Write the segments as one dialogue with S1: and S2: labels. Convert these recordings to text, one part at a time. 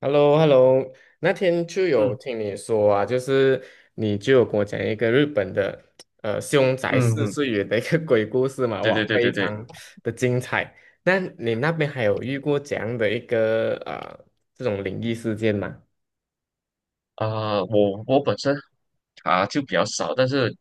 S1: h e l l o h e l l o 那天就有
S2: 嗯
S1: 听你说啊，就是你就有跟我讲一个日本的凶宅
S2: 嗯
S1: 四
S2: 嗯，
S1: 岁元的一个 鬼故事嘛。
S2: 对
S1: 哇，
S2: 对对
S1: 非
S2: 对对，
S1: 常的精彩。那你那边还有遇过这样的一个这种灵异事件吗？
S2: 我本身啊就比较少，但是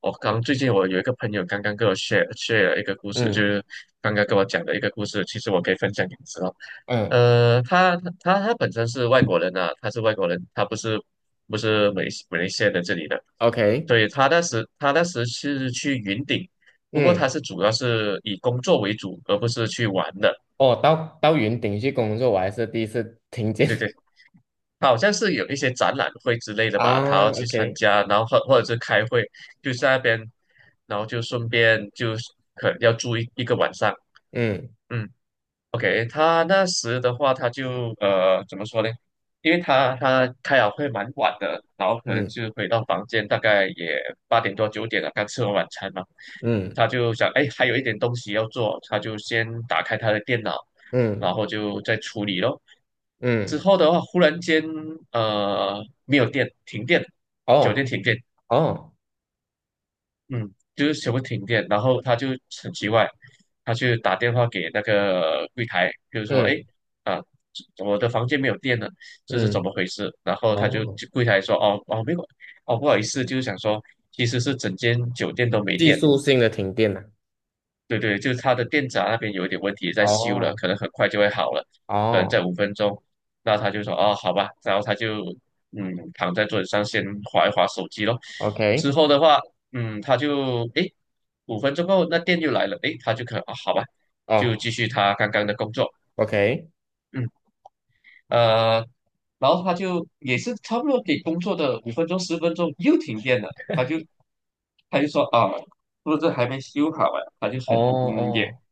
S2: 我最近我有一个朋友刚刚跟我 share 了一个故事，就
S1: 嗯
S2: 是刚刚跟我讲的一个故事，其实我可以分享给你知道。
S1: 嗯
S2: 他本身是外国人啊，他是外国人，他不是马来西亚的这里的。
S1: ，OK。
S2: 对，他那时是去云顶，不过他
S1: 嗯。
S2: 是主要是以工作为主，而不是去玩的。
S1: 哦，到云顶去工作，我还是第一次听见。
S2: 对 对，好像是有一些展览会之类的吧，他
S1: 啊
S2: 要去参
S1: ，OK。
S2: 加，然后或者是开会，就在那边，然后就顺便就是可能要住一个晚上，
S1: 嗯
S2: 嗯。OK，他那时的话，他就怎么说呢？因为他开了会蛮晚的，然后可能
S1: 嗯
S2: 就回到房间，大概也八点多九点了，刚吃完晚餐嘛。他
S1: 嗯
S2: 就想，哎，还有一点东西要做，他就先打开他的电脑，然
S1: 嗯
S2: 后就再处理咯。之
S1: 嗯。
S2: 后的话，忽然间没有电，停电，酒店
S1: 哦
S2: 停电，
S1: 哦。
S2: 嗯，就是全部停电，然后他就很奇怪，他去打电话给那个柜台，就是说，哎，
S1: 嗯
S2: 啊，我的房间没有电了，这是怎
S1: 嗯。
S2: 么回事？然后他就
S1: 哦。
S2: 就柜台说，哦哦，没有，哦，不好意思，就是想说，其实是整间酒店都没
S1: 技
S2: 电，
S1: 术性的停电呢、
S2: 对对，就是它的电闸那边有一点问题，在修了，
S1: 哦
S2: 可能很快就会好了，可能
S1: 哦
S2: 在五分钟。那他就说哦，好吧，然后他就躺在桌子上先划一划手机咯。
S1: ，OK。
S2: 之后的话，嗯，他就五分钟后那电又来了，诶，他就可能啊、好吧，就
S1: 哦
S2: 继续他刚刚的工作，
S1: ，OK。
S2: 嗯，呃，然后他就也是差不多给工作的五分钟十分钟又停电了，他就他说啊，是不是还没修好啊？他就
S1: 哦
S2: 很嗯也。
S1: 哦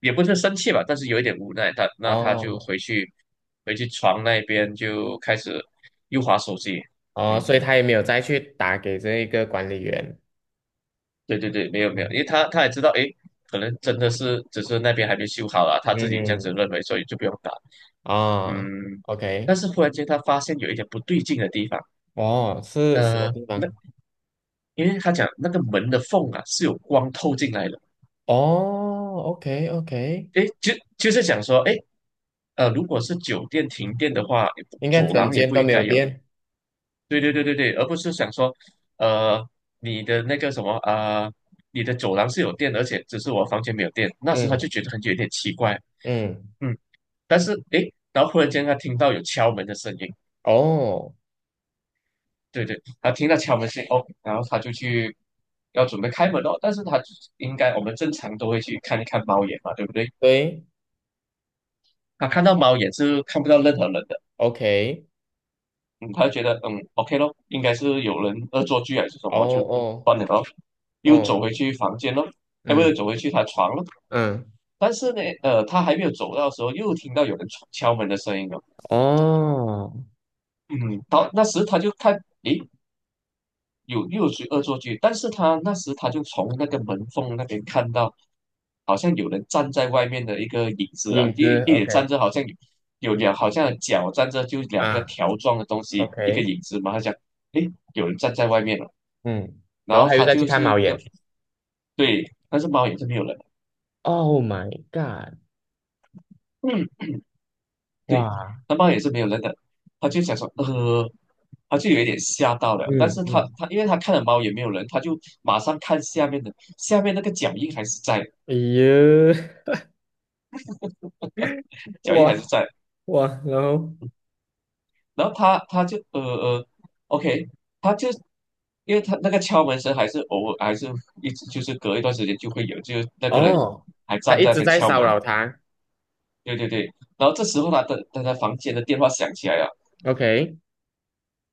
S2: 也不是生气吧，但是有一点无奈。他就
S1: 哦
S2: 回去床那边就开始又划手机。
S1: 哦，
S2: 嗯，
S1: 所以他也没有再去打给这一个管理员。
S2: 对对对，没有没有，因为
S1: 嗯
S2: 他也知道，诶，可能真的是只是那边还没修好了，他自己这样子
S1: 嗯，
S2: 认为，所以就不用打。
S1: 啊
S2: 嗯，但
S1: ，OK。
S2: 是忽然间他发现有一点不对劲的地方。
S1: 哦，是什么
S2: 呃，
S1: 地
S2: 那
S1: 方？
S2: 因为他讲那个门的缝啊是有光透进来的。
S1: 哦，OK OK。
S2: 诶，就是讲说，诶，如果是酒店停电的话，
S1: 应该
S2: 走
S1: 整
S2: 廊也
S1: 间
S2: 不
S1: 都
S2: 应
S1: 没有
S2: 该有。
S1: 电。
S2: 对对对对对，而不是想说，呃，你的那个什么啊、呃你的走廊是有电，而且只是我房间没有电，那时他就
S1: 嗯
S2: 觉得很有点奇怪。
S1: 嗯。
S2: 嗯，但是诶，然后忽然间他听到有敲门的声音，
S1: 哦，
S2: 对对，他听到敲门声音。哦，然后他就去要准备开门哦，但是他应该我们正常都会去看一看猫眼嘛，对不对？
S1: 对
S2: 他看到猫眼是看不到任何人的。
S1: ，OK。
S2: 嗯，他就觉得嗯，OK 咯，应该是有人恶作剧还是什
S1: 哦
S2: 么，就
S1: 哦
S2: 关了咯，又走
S1: 哦。
S2: 回去房间咯。哎，不是，
S1: 嗯
S2: 走回去他床咯。
S1: 嗯。
S2: 但是呢，他还没有走到的时候，又听到有人敲门的声音了。
S1: 哦，
S2: 嗯，好，那时他就看，诶，又有谁恶作剧？但是他那时就从那个门缝那边看到，好像有人站在外面的一个影子啊，
S1: 影子
S2: 也
S1: ，OK。
S2: 站着，好像有有两，好像脚站着就两个
S1: 啊
S2: 条状的东西，一个
S1: ，OK。
S2: 影子嘛。他讲，诶，有人站在外面了。
S1: 嗯，
S2: 然
S1: 然后
S2: 后
S1: 还有
S2: 他
S1: 再去
S2: 就
S1: 看
S2: 是
S1: 猫
S2: 要。
S1: 眼
S2: 对，但是猫也是没有人的。
S1: ，Oh my god。
S2: 嗯，对，
S1: 哇。
S2: 那猫也是没有人的，他就想说，他就有一点吓到了，但
S1: 嗯
S2: 是他
S1: 嗯。
S2: 他因为他看了猫也没有人，他就马上看下面的，下面那个脚印还是在，
S1: 哎呦。
S2: 脚印还是
S1: 哇
S2: 在。
S1: 哇，然后
S2: 然后他就OK，他就。因为他那个敲门声还是偶尔，还是一直就是隔一段时间就会有，就是那个人
S1: 哦，
S2: 还
S1: 他
S2: 站
S1: 一
S2: 在那
S1: 直
S2: 边
S1: 在
S2: 敲
S1: 骚
S2: 门。
S1: 扰他
S2: 对对对，然后这时候他的房间的电话响起来了，
S1: ，OK。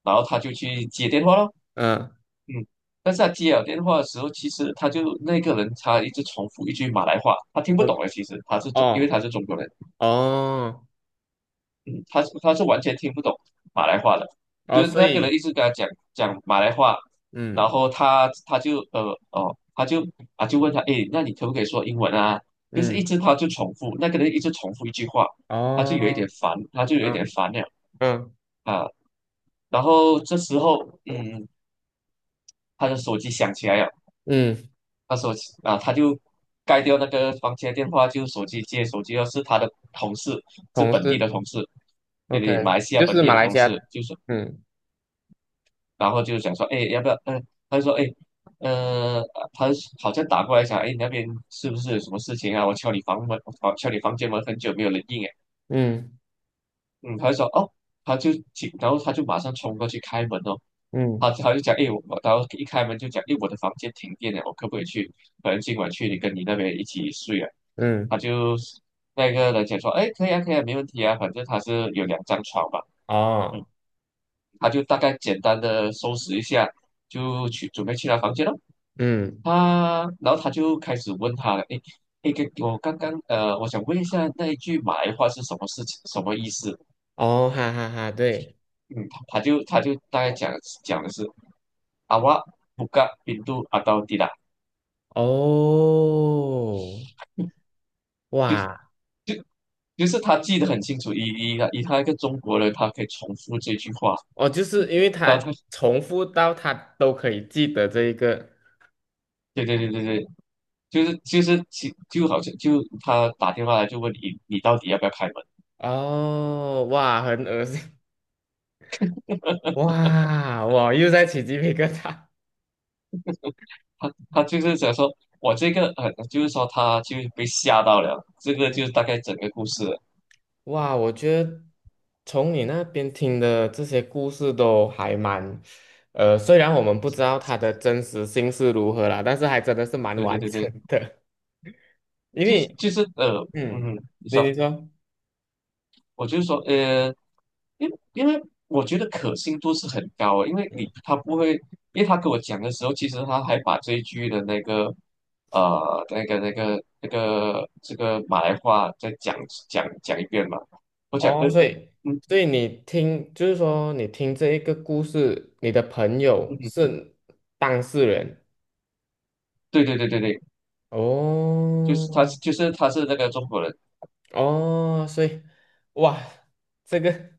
S2: 然后他就去接电话了。
S1: 嗯。
S2: 嗯，但是他接了电话的时候，其实那个人他一直重复一句马来话，他听不
S1: 哦
S2: 懂的。其实他是中，因为
S1: 哦
S2: 他是中国人，
S1: 哦
S2: 嗯，他是完全听不懂马来话的，就
S1: 哦，
S2: 是
S1: 所
S2: 那个人
S1: 以
S2: 一直跟他讲马来话。然
S1: 嗯
S2: 后他就问他，诶，那你可不可以说英文啊？就是一
S1: 嗯，
S2: 直他就重复，那个人一直重复一句话，
S1: 哦，
S2: 他就有一点
S1: 嗯
S2: 烦了
S1: 嗯
S2: 啊。然后这时候，嗯，他的手机响起来了。
S1: 嗯。
S2: 他说：“啊，他就盖掉那个房间电话，就接手机，要是他的同事，是
S1: 同
S2: 本地的
S1: 事
S2: 同事，这里马
S1: ，OK，
S2: 来西亚
S1: 就
S2: 本
S1: 是
S2: 地
S1: 马
S2: 的
S1: 来
S2: 同
S1: 西亚。
S2: 事，就是
S1: 嗯
S2: 然后就想说，哎，要不要？嗯、他就说，哎，呃，他好像打过来想，哎，你那边是不是有什么事情啊？我敲你房间门很久没有人应。
S1: 嗯
S2: 嗯，他就说哦，他就进，然后他就马上冲过去开门哦，他
S1: 嗯
S2: 他就讲，哎，我，然后一开门就讲，哎，我的房间停电了，我可不可以去？可能今晚去你跟你那边一起睡啊？他
S1: 嗯，
S2: 就那个人讲说，哎，可以啊，可以啊，没问题啊，反正他是有两张床嘛。嗯，
S1: 哦，
S2: 他就大概简单的收拾一下，就去准备去他房间了。
S1: 嗯，
S2: 然后他就开始问他了，哎，哎，给我刚刚我想问一下那一句埋话是什么事情，什么意思？
S1: 哦，哈哈哈，对。
S2: 嗯，他就大概讲的是阿瓦布嘎宾度阿道地啦，
S1: 哦，
S2: 就
S1: 哇。
S2: 就就是他记得很清楚，以他一个中国人，他可以重复这句话。
S1: 哦，就是因为
S2: 然后
S1: 他
S2: 他。
S1: 重复到他都可以记得这一个。
S2: 对对对对对，就是就是其就好像就他打电话来就问你你到底要不要开门。
S1: 哦，哇，很恶心。哇，我又在起鸡皮疙瘩。
S2: 他就是想说我这个就是说他就是被吓到了，这个就
S1: 嗯。
S2: 是大概整个故事了。
S1: 哇，我觉得从你那边听的这些故事都还蛮，虽然我们不知道它的真实性是如何啦，但是还真的是蛮
S2: 对对
S1: 完
S2: 对
S1: 整
S2: 对，
S1: 的。因
S2: 就是
S1: 为，
S2: 就是呃
S1: 嗯，
S2: 嗯，你
S1: 你你
S2: 说。
S1: 说。
S2: 我就是说因为因为我觉得可信度是很高的，因为你他不会，因为他跟我讲的时候，其实他还把这一句的那个这个马来话再讲一遍嘛。我讲
S1: 哦，
S2: 呃
S1: 所以
S2: 嗯
S1: 所以你听，就是说你听这一个故事，你的朋
S2: 嗯
S1: 友
S2: 嗯，
S1: 是当事人。
S2: 对对对对对，就是他
S1: 哦
S2: 就是他是那个中国人。
S1: 哦，所以哇，这个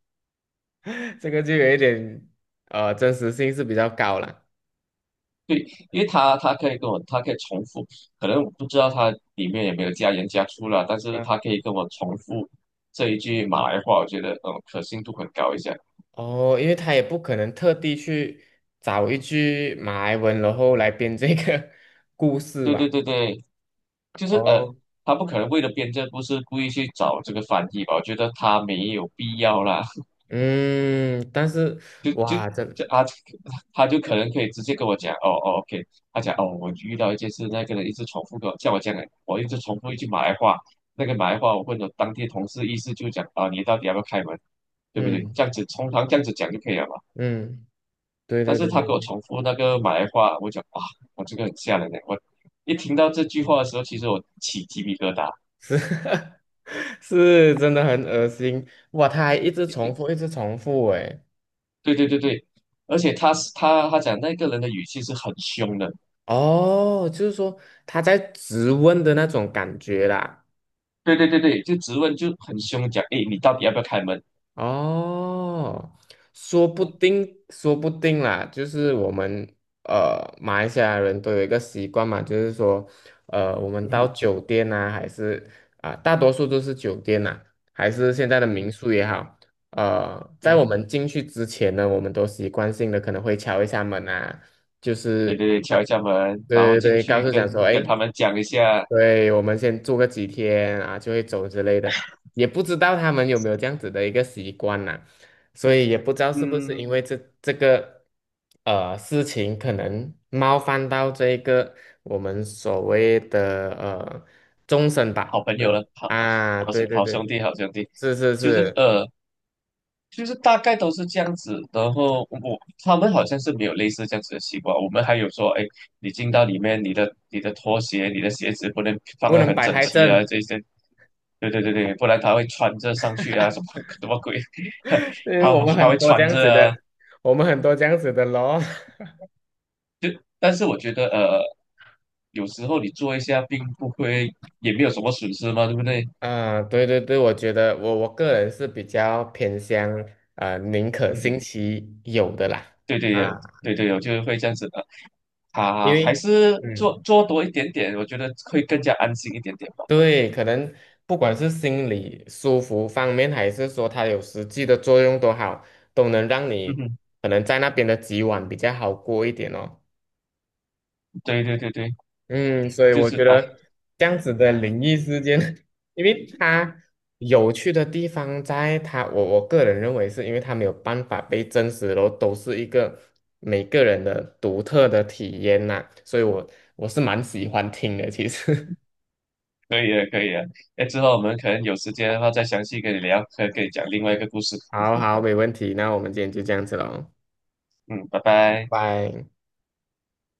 S1: 这个就有一点真实性是比较高了。
S2: 对，因为他他可以跟我他可以重复，可能我不知道他里面有没有加盐加醋啦，但是
S1: 嗯。
S2: 他可以跟我重复这一句马来话，我觉得嗯可信度很高一下。
S1: 哦，因为他也不可能特地去找一句马来文，然后来编这个 故事
S2: 对对
S1: 吧？
S2: 对对，就是呃，
S1: 哦，
S2: 他不可能为了编这不是故意去找这个翻译吧？我觉得他没有必要啦。
S1: 嗯，但是
S2: 就就
S1: 哇，这，
S2: 就啊，他就可能可以直接跟我讲，哦哦，OK，他讲哦，我遇到一件事，那个人一直重复跟我像我这样的，我一直重复一句马来话，那个马来话我问了当地同事，意思就讲啊，你到底要不要开门，对不对？
S1: 嗯
S2: 这样子通常这样子讲就可以了嘛。
S1: 嗯，对
S2: 但
S1: 对
S2: 是
S1: 对。
S2: 他给我重复那个马来话，我讲哇，我这个很吓人的，我一听到这句话的时候，其实我起鸡皮疙瘩。
S1: 是， 是，真的很恶心。哇！他还一直重复，一直重复，哎。
S2: 对对对对，而且他他讲那个人的语气是很凶的。
S1: 哦，就是说他在质问的那种感觉啦。
S2: 对对对对，就质问就很凶，讲诶，你到底要不要开门？
S1: 哦，说不
S2: 嗯，
S1: 定，说不定啦，就是我们马来西亚人都有一个习惯嘛。就是说，我们
S2: 嗯
S1: 到
S2: 哼，
S1: 酒店呐、还是啊、大多数都是酒店呐、还是现在的
S2: 嗯
S1: 民
S2: 哼，
S1: 宿也好，在
S2: 嗯，
S1: 我们进去之前呢，我们都习惯性的可能会敲一下门啊。就
S2: 对
S1: 是
S2: 对对，敲一下门，然后
S1: 对对
S2: 进
S1: 对，告
S2: 去
S1: 诉
S2: 跟
S1: 讲说，哎，
S2: 他们讲一下。
S1: 对，我们先住个几天啊，就会走之类的。也不知道他们有没有这样子的一个习惯呐、所以也不知道是不是因
S2: 嗯，
S1: 为这个事情可能冒犯到这个我们所谓的终身
S2: 好
S1: 吧，
S2: 朋
S1: 对
S2: 友
S1: 吧？
S2: 了，好，
S1: 啊，
S2: 好
S1: 对
S2: 兄
S1: 对
S2: 好兄
S1: 对，
S2: 弟好兄弟。
S1: 是是
S2: 就是
S1: 是。
S2: 呃就是大概都是这样子，然后我他们好像是没有类似这样子的习惯。我们还有说，哎，你进到里面，你的拖鞋、你的鞋子不能放
S1: 不
S2: 得
S1: 能
S2: 很
S1: 摆
S2: 整
S1: 太
S2: 齐啊，
S1: 正。
S2: 这些对对对对，不然他会穿着上去啊，什么 什么鬼？
S1: 因 为
S2: 他
S1: 我们
S2: 他
S1: 很
S2: 会
S1: 多这
S2: 穿
S1: 样
S2: 着
S1: 子的，
S2: 啊。
S1: 我们很多这样子的咯。
S2: 就但是我觉得有时候你做一下，并不会也没有什么损失嘛，对不对？
S1: 啊，对对对，我觉得我个人是比较偏向宁可
S2: 嗯，
S1: 信其有的啦。
S2: 对对
S1: 啊，
S2: 对对对，我就是会这样子的
S1: 因
S2: 啊，还
S1: 为
S2: 是做
S1: 嗯，
S2: 做多一点点，我觉得会更加安心一点点吧。
S1: 对，可能不管是心理舒服方面，还是说它有实际的作用都好，都能让
S2: 嗯
S1: 你
S2: 哼，
S1: 可能在那边的几晚比较好过一点哦。
S2: 对对对对，
S1: 嗯，所以
S2: 就
S1: 我
S2: 是
S1: 觉
S2: 啊，
S1: 得这样子的灵异事件，因为它有趣的地方在它，我个人认为是因为它没有办法被证实，然后都是一个每个人的独特的体验呐、所以我是蛮喜欢听的，其实。
S2: 可以了可以了，哎，之后我们可能有时间的话再详细跟你聊，可以跟你讲另外一个故事。
S1: 好好，没问题，那我们今天就这样子喽。
S2: 嗯，拜拜。
S1: 拜拜。